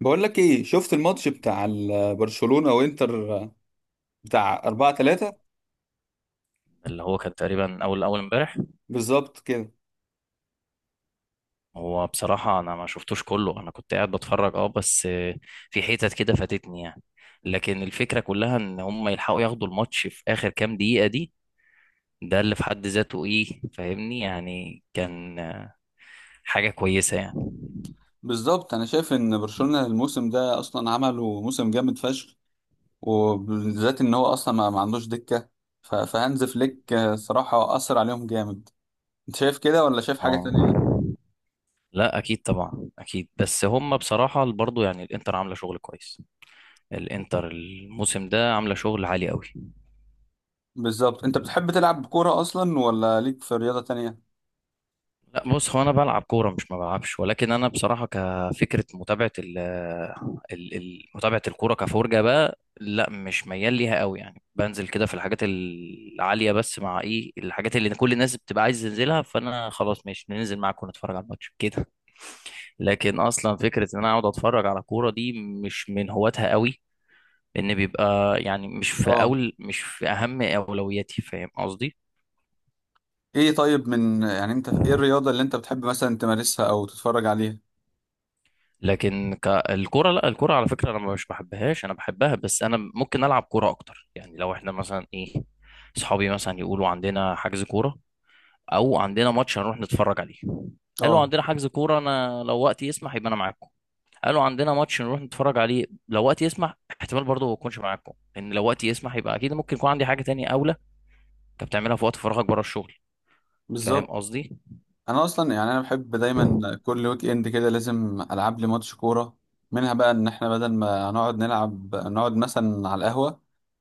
بقول لك ايه، شفت الماتش بتاع برشلونة وانتر بتاع 4-3؟ اللي هو كان تقريبا اول اول امبارح. بالظبط كده. هو بصراحه انا ما شفتوش كله، انا كنت قاعد بتفرج، بس في حتت كده فاتتني يعني. لكن الفكره كلها ان هم يلحقوا ياخدوا الماتش في اخر كام دقيقه دي، ده اللي في حد ذاته ايه، فاهمني؟ يعني كان حاجه كويسه يعني. بالظبط، انا شايف ان برشلونة الموسم ده اصلا عملوا موسم جامد فشخ، وبالذات ان هو اصلا ما عندوش دكة. ف- فهانز فليك صراحة اثر عليهم جامد. انت شايف كده ولا شايف حاجة اه، تانية؟ لا اكيد طبعا، اكيد. بس هم بصراحه برضو يعني الانتر عامله شغل كويس، الانتر الموسم ده عامله شغل عالي قوي. بالظبط. انت بتحب تلعب كورة اصلا ولا ليك في رياضة تانية؟ بص، هو انا بلعب كوره، مش ما بلعبش، ولكن انا بصراحه كفكره متابعه متابعه الكوره كفرجه بقى، لا، مش ميال ليها قوي. يعني بنزل كده في الحاجات العاليه، بس مع ايه الحاجات اللي كل الناس بتبقى عايز تنزلها، فانا خلاص، ماشي، ننزل معاكم نتفرج على الماتش كده. لكن اصلا فكره ان انا اقعد اتفرج على كوره دي مش من هواتها قوي، لان بيبقى يعني اه. مش في اهم اولوياتي، فاهم قصدي؟ ايه طيب، من انت ايه الرياضة اللي انت بتحب مثلا تمارسها او تتفرج عليها؟ لكن الكرة، لا، الكرة على فكرة انا مش بحبهاش، انا بحبها، بس انا ممكن العب كرة اكتر. يعني لو احنا مثلا ايه، صحابي مثلا يقولوا عندنا حجز كورة، او عندنا ماتش هنروح نتفرج عليه. قالوا اه. عندنا حجز كورة، انا لو وقتي يسمح يبقى انا معاكم. قالوا عندنا ماتش نروح نتفرج عليه، لو وقتي يسمح احتمال برضه ما اكونش معاكم، لان لو وقتي يسمح يبقى اكيد ممكن يكون عندي حاجة تانية اولى انت بتعملها في وقت فراغك بره الشغل، فاهم بالظبط. قصدي؟ انا اصلا يعني انا بحب دايما كل ويك اند كده لازم العب لي ماتش كوره، منها بقى ان احنا بدل ما نقعد نلعب نقعد مثلا على القهوه،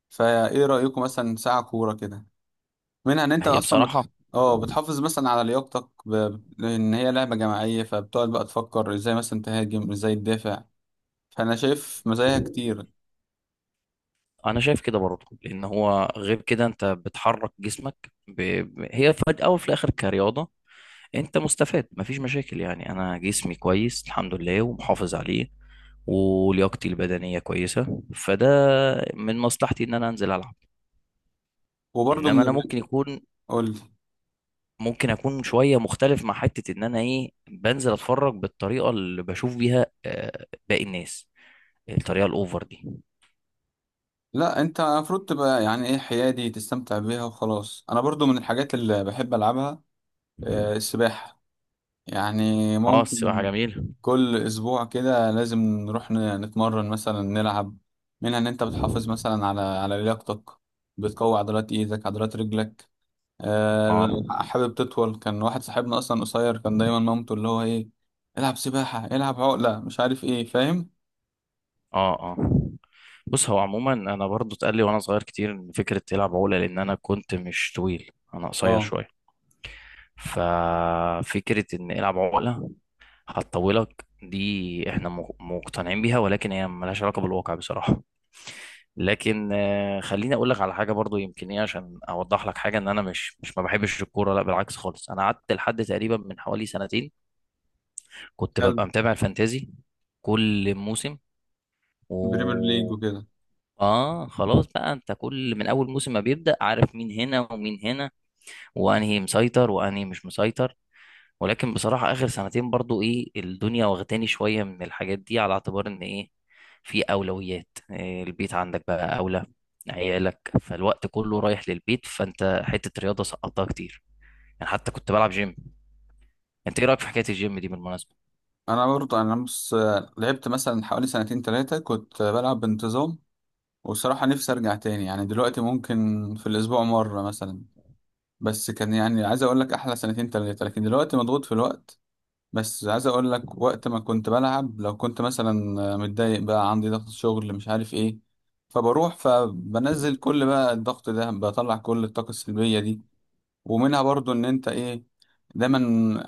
فايه رايكم مثلا ساعه كوره كده، منها ان ما انت هي اصلا بصراحة. اه، بتحافظ مثلا على لياقتك، لان هي لعبه جماعيه، فبتقعد بقى تفكر ازاي مثلا تهاجم ازاي تدافع، فانا شايف مزاياها كتير. انا شايف كده برضه، لان هو غير كده انت بتحرك جسمك، هي في الاول وفي الاخر كرياضه انت مستفاد، مفيش مشاكل. يعني انا جسمي كويس، الحمد لله، ومحافظ عليه، ولياقتي البدنيه كويسه، فده من مصلحتي ان انا انزل العب. وبرضه انما انا من، قول لي. ممكن اكون شويه مختلف مع حته ان انا ايه بنزل اتفرج بالطريقه اللي بشوف بيها باقي الناس، الطريقه الاوفر دي. لا انت المفروض تبقى يعني ايه حيادي، تستمتع بيها وخلاص. انا برضو من الحاجات اللي بحب العبها السباحه، يعني اه، السباحه ممكن جميله. كل اسبوع كده لازم نروح نتمرن مثلا نلعب، منها ان انت بتحافظ مثلا على لياقتك، بتقوي عضلات ايدك عضلات رجلك. آه اه، لو حابب تطول، كان واحد صاحبنا اصلا قصير، كان دايما مامته اللي هو ايه، العب سباحة العب عقلة مش عارف ايه، فاهم؟ اه، اه، بص، هو عموما انا برضو اتقال لي وانا صغير كتير ان فكره تلعب عقله، لان انا كنت مش طويل، انا قصير اه. شويه، ففكره ان العب عقله هتطولك دي احنا مقتنعين بيها، ولكن هي ملهاش علاقه بالواقع بصراحه. لكن خليني اقول لك على حاجه برضو يمكن ايه عشان اوضح لك حاجه ان انا مش ما بحبش الكوره، لا بالعكس خالص. انا قعدت لحد تقريبا من حوالي سنتين كنت حلو. ببقى متابع الفانتازي كل موسم بريمير ليج و... وكده. اه، خلاص بقى، انت كل من اول موسم ما بيبدأ عارف مين هنا ومين هنا، وانهي مسيطر وانهي مش مسيطر. ولكن بصراحة اخر سنتين برضو ايه الدنيا واخداني شوية من الحاجات دي على اعتبار ان ايه، في اولويات، إيه، البيت عندك بقى اولى، عيالك، فالوقت كله رايح للبيت، فانت حتة رياضة سقطتها كتير. يعني حتى كنت بلعب جيم. انت ايه رأيك في حكاية الجيم دي بالمناسبة؟ انا برضه، انا بص، لعبت مثلا حوالي سنتين ثلاثة كنت بلعب بانتظام، وبصراحة نفسي ارجع تاني، يعني دلوقتي ممكن في الاسبوع مرة مثلا، بس كان يعني عايز اقول لك احلى سنتين تلاتة، لكن دلوقتي مضغوط في الوقت. بس عايز اقول لك، وقت ما كنت بلعب، لو كنت مثلا متضايق بقى عندي ضغط شغل مش عارف ايه، فبنزل، كل بقى الضغط ده بطلع كل الطاقة السلبية دي، ومنها برضو ان انت ايه دايما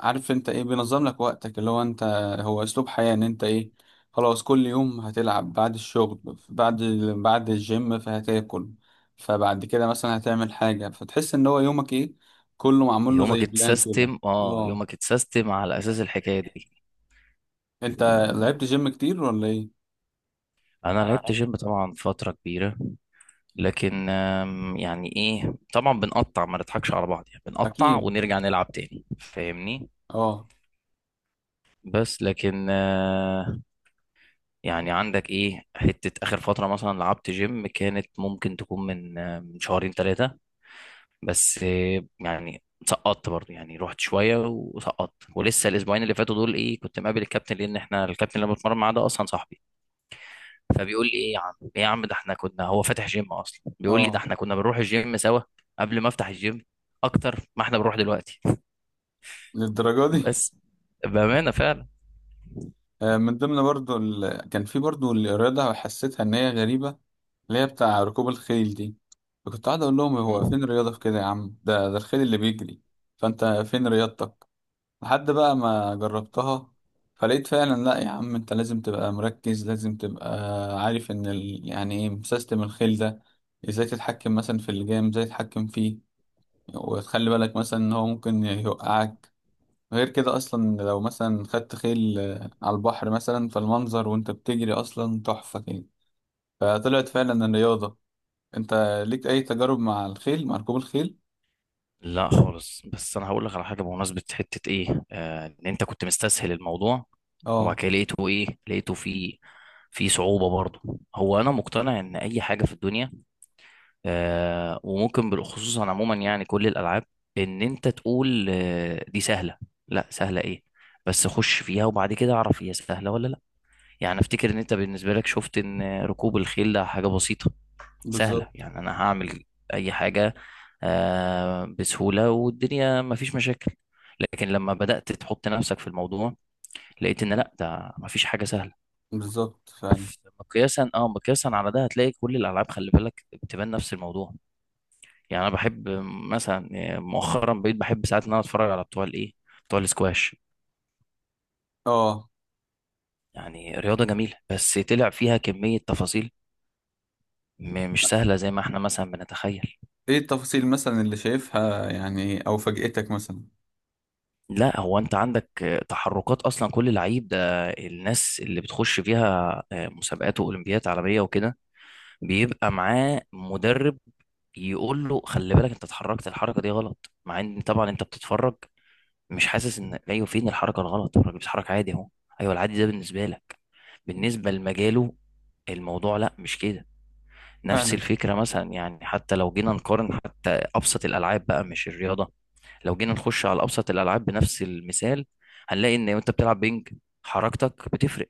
عارف، انت ايه بينظم لك وقتك، اللي هو انت، هو اسلوب حياة، ان انت ايه، خلاص كل يوم هتلعب بعد الشغل، بعد بعد الجيم فهتاكل، فبعد كده مثلا هتعمل حاجة، فتحس ان هو يومك ايه، كله معمول له زي بلان كده. اه. يومك اتسيستم على اساس الحكاية انت دي. لعبت جيم كتير ولا ايه؟ انا انا لعبت لعبت. جيم طبعا فتره كبيره، لكن يعني ايه طبعا بنقطع، ما نضحكش على بعض، يعني بنقطع اكيد. ونرجع نلعب تاني فاهمني. اه بس لكن يعني عندك ايه حته اخر فتره مثلا لعبت جيم كانت ممكن تكون من شهرين ثلاثه، بس يعني سقطت برضه، يعني رحت شويه وسقطت، ولسه الاسبوعين اللي فاتوا دول ايه كنت مقابل الكابتن، لان احنا الكابتن اللي بتمرن معاه ده اصلا صاحبي، فبيقول لي ايه يا عم، ايه يا عم، ده احنا كنا، هو فاتح جيم اصلا، بيقول لي ده اه. احنا كنا بنروح الجيم سوا قبل ما افتح الجيم اكتر ما احنا بنروح دلوقتي. للدرجة دي؟ بس بامانه فعلا. من ضمن برضو كان في برضو الرياضة حسيتها ان هي غريبة، اللي هي بتاع ركوب الخيل دي، فكنت قاعد اقول لهم، هو مم. فين الرياضه في كده يا عم، ده الخيل اللي بيجري، فانت فين رياضتك؟ لحد بقى ما جربتها، فلقيت فعلا، لا يا عم انت لازم تبقى مركز، لازم تبقى عارف ان يعني ايه سيستم الخيل ده، ازاي تتحكم مثلا في اللجام، ازاي تتحكم فيه، وتخلي بالك مثلا ان هو ممكن يوقعك، غير كده اصلا لو مثلا خدت خيل على البحر مثلا، فالمنظر وانت بتجري اصلا تحفه كده، فطلعت فعلا الرياضه. انت ليك اي تجارب مع الخيل، مع ركوب الخيل؟ لا خالص، بس انا هقول لك على حاجه بمناسبه حته ايه ان انت كنت مستسهل الموضوع، وبعد اه. كده لقيته ايه، في في صعوبه برضه. هو انا مقتنع ان اي حاجه في الدنيا، وممكن بالخصوص عموما، يعني كل الالعاب ان انت تقول دي سهله، لا، سهله ايه، بس خش فيها وبعد كده اعرف هي سهله ولا لا. يعني افتكر ان انت بالنسبه لك شفت ان ركوب الخيل ده حاجه بسيطه سهله، بالظبط. يعني انا هعمل اي حاجه بسهوله والدنيا مفيش مشاكل، لكن لما بدات تحط نفسك في الموضوع لقيت ان لا، ده مفيش حاجه سهله. بالظبط فعلا. مقياسا على ده هتلاقي كل الالعاب، خلي بالك بتبان نفس الموضوع. يعني انا بحب مثلا، يعني مؤخرا بقيت بحب ساعات ان انا اتفرج على بتوع الايه، بتوع الاسكواش. اه. يعني رياضه جميله بس طلع فيها كميه تفاصيل مش سهله زي ما احنا مثلا بنتخيل. ايه التفاصيل مثلا اللي شايفها يعني، او فاجأتك مثلا؟ لا، هو انت عندك تحركات اصلا، كل لعيب ده الناس اللي بتخش فيها مسابقات واولمبيات عالميه وكده بيبقى معاه مدرب يقول له خلي بالك انت اتحركت الحركه دي غلط، مع ان طبعا انت بتتفرج مش حاسس ان ايوه، فين الحركه الغلط، الراجل بيتحرك عادي اهو. ايوه، العادي ده بالنسبه لك، بالنسبه لمجاله الموضوع لا مش كده. نفس فعلا. الفكره مثلا، يعني حتى لو جينا نقارن حتى ابسط الالعاب بقى مش الرياضه، لو جينا نخش على ابسط الالعاب بنفس المثال هنلاقي ان وانت بتلعب بينج حركتك بتفرق،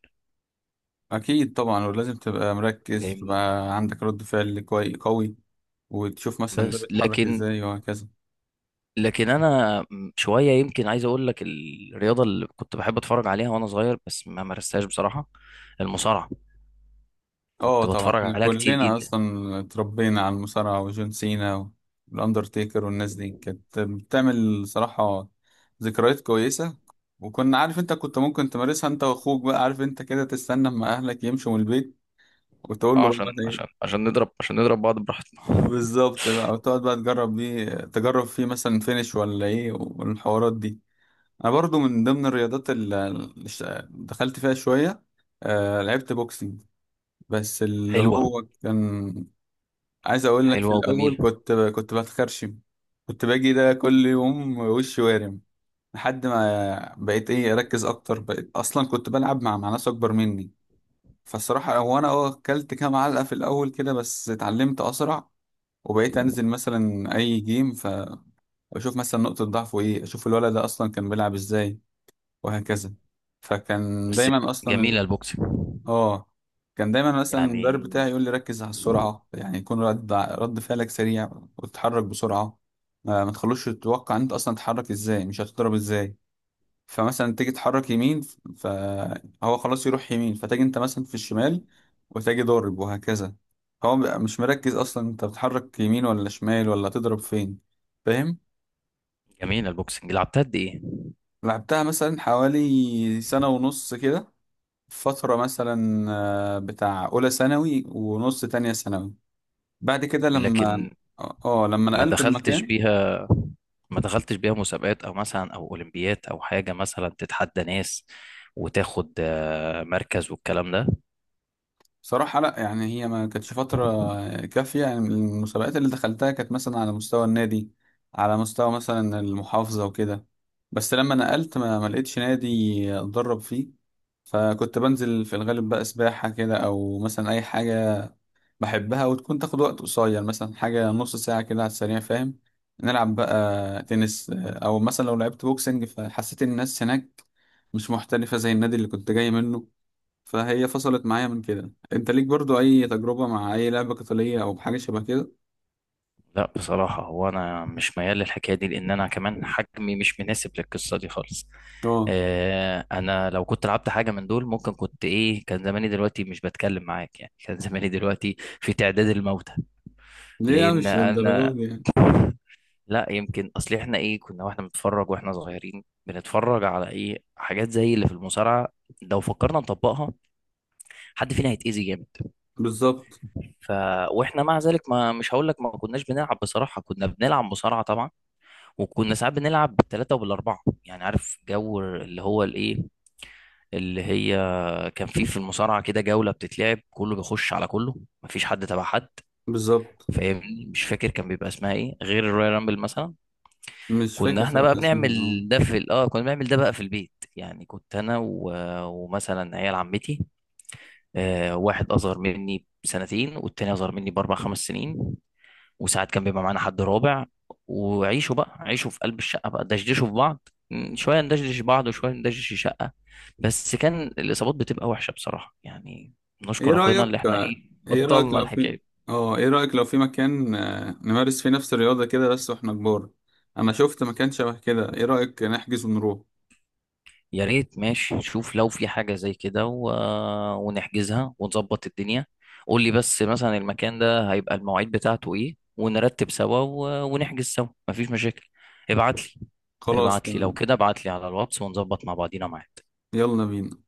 اكيد طبعا، ولازم تبقى مركز فاهمني. وتبقى عندك رد فعل قوي، وتشوف مثلا ده بس بيتحرك لكن ازاي وهكذا. لكن انا شويه يمكن عايز اقول لك الرياضه اللي كنت بحب اتفرج عليها وانا صغير بس ما مارستهاش بصراحه، المصارعه. اه كنت طبعا، بتفرج احنا عليها كتير كلنا جدا. اصلا اتربينا على المصارعة وجون سينا والاندرتيكر، والناس دي كانت بتعمل صراحة ذكريات كويسة، وكنا، عارف انت كنت ممكن تمارسها انت واخوك بقى، عارف انت كده تستنى اما اهلك يمشوا من البيت، وتقول اه، له بقى مثلا ايه. عشان نضرب بعض براحتنا. بالظبط بقى، وتقعد بقى تجرب بيه، تجرب فيه مثلا فينش ولا ايه والحوارات دي. انا برضو من ضمن الرياضات اللي دخلت فيها شوية، آه لعبت بوكسينج، بس اللي حلوة. هو كان، عايز اقول لك، في حلوة الاول وجميلة. كنت بتخرشم، كنت باجي ده كل يوم وشي وارم، لحد ما بقيت ايه اركز اكتر، بقيت اصلا كنت بلعب مع ناس اكبر مني، فالصراحه هو انا اه اكلت كام علقه في الاول كده، بس اتعلمت اسرع، وبقيت انزل مثلا اي جيم فاشوف مثلا نقطه ضعفه ايه، اشوف الولد ده اصلا كان بيلعب ازاي وهكذا، فكان بس. دايما جميلة اصلا، البوكسنج. اه كان دايما مثلا المدرب بتاعي يعني. يقول لي ركز على السرعة، يعني يكون رد فعلك سريع، وتتحرك بسرعة، ما تخلوش تتوقع انت اصلا تتحرك ازاي، مش هتضرب ازاي، فمثلا تيجي تحرك يمين، فهو خلاص يروح يمين، فتجي انت مثلا في الشمال وتجي ضارب وهكذا، هو بيبقى مش مركز اصلا انت بتحرك يمين ولا شمال ولا تضرب فين، فاهم؟ جميلة البوكسنج لعبتها قد ايه؟ لعبتها مثلا حوالي سنة ونص كده، فترة مثلا بتاع أولى ثانوي ونص تانية ثانوي، بعد كده لما، لكن اه لما ما نقلت دخلتش المكان. بيها ما دخلتش بيها مسابقات او مثلا اولمبيات او حاجة مثلا تتحدى ناس وتاخد مركز والكلام ده. بصراحة لا، يعني هي ما كانتش فترة كافية، يعني المسابقات اللي دخلتها كانت مثلا على مستوى النادي، على مستوى مثلا المحافظة وكده، بس لما نقلت ما لقيتش نادي اتدرب فيه، فكنت بنزل في الغالب بقى سباحة كده، او مثلا اي حاجة بحبها وتكون تاخد وقت قصير، مثلا حاجة نص ساعة كده على السريع، فاهم؟ نلعب بقى تنس، أو مثلا لو لعبت بوكسنج فحسيت إن الناس هناك مش محترفة زي النادي اللي كنت جاي منه، فهي فصلت معايا من كده. أنت ليك برضو أي تجربة مع أي لعبة قتالية أو بحاجة شبه كده؟ لا بصراحة، هو أنا مش ميال للحكاية دي، لأن أنا كمان حجمي مش مناسب للقصة دي خالص. آه. أنا لو كنت لعبت حاجة من دول ممكن كنت إيه، كان زماني دلوقتي مش بتكلم معاك، يعني كان زماني دلوقتي في تعداد الموتى. ليه لأن مش للدرجة أنا دي يعني؟ لا، يمكن أصل إحنا إيه كنا، وإحنا بنتفرج وإحنا صغيرين بنتفرج على إيه حاجات زي اللي في المصارعة، لو فكرنا نطبقها حد فينا هيتأذي جامد. بالظبط. ف... وإحنا مع ذلك ما، مش هقول لك ما كناش بنلعب، بصراحة كنا بنلعب مصارعة طبعا، وكنا ساعات بنلعب بالثلاثة وبالأربعة. يعني عارف جو اللي هو الإيه، اللي هي كان فيه في المصارعة كده جولة بتتلعب كله بيخش على كله، مفيش حد تبع حد، بالظبط. فاهمني. مش فاكر كان بيبقى اسمها ايه غير الرويال رامبل مثلا. مش كنا فاكر احنا بقى صراحة اسمها آه. بنعمل ده في ال- اه كنا بنعمل ده بقى في البيت، يعني كنت انا و... ومثلا عيال عمتي، آه، واحد اصغر مني بسنتين والتاني اصغر مني باربع خمس سنين، وساعات كان بيبقى معانا حد رابع. وعيشوا بقى، عيشوا في قلب الشقة بقى، دشدشوا في بعض، شوية ندشدش بعض وشوية ندشدش الشقة. بس كان الإصابات بتبقى وحشة بصراحة يعني، ايه نشكر ربنا رأيك؟ اللي احنا ايه ايه رأيك بطلنا لو الحكاية في، دي. اه ايه رأيك لو في مكان، نمارس فيه نفس الرياضة كده بس واحنا كبار، انا شفت مكان شبه كده، ايه رأيك نحجز ونروح؟ يا ريت، ماشي، شوف لو في حاجة زي كده و... ونحجزها ونظبط الدنيا. قول لي بس مثلا المكان ده هيبقى المواعيد بتاعته ايه، ونرتب سوا و... ونحجز سوا، مفيش مشاكل. ابعت لي. خلاص ابعت لي لو تمام. كده، ابعت لي على الواتس ونظبط مع بعضينا معاك. يلا بينا.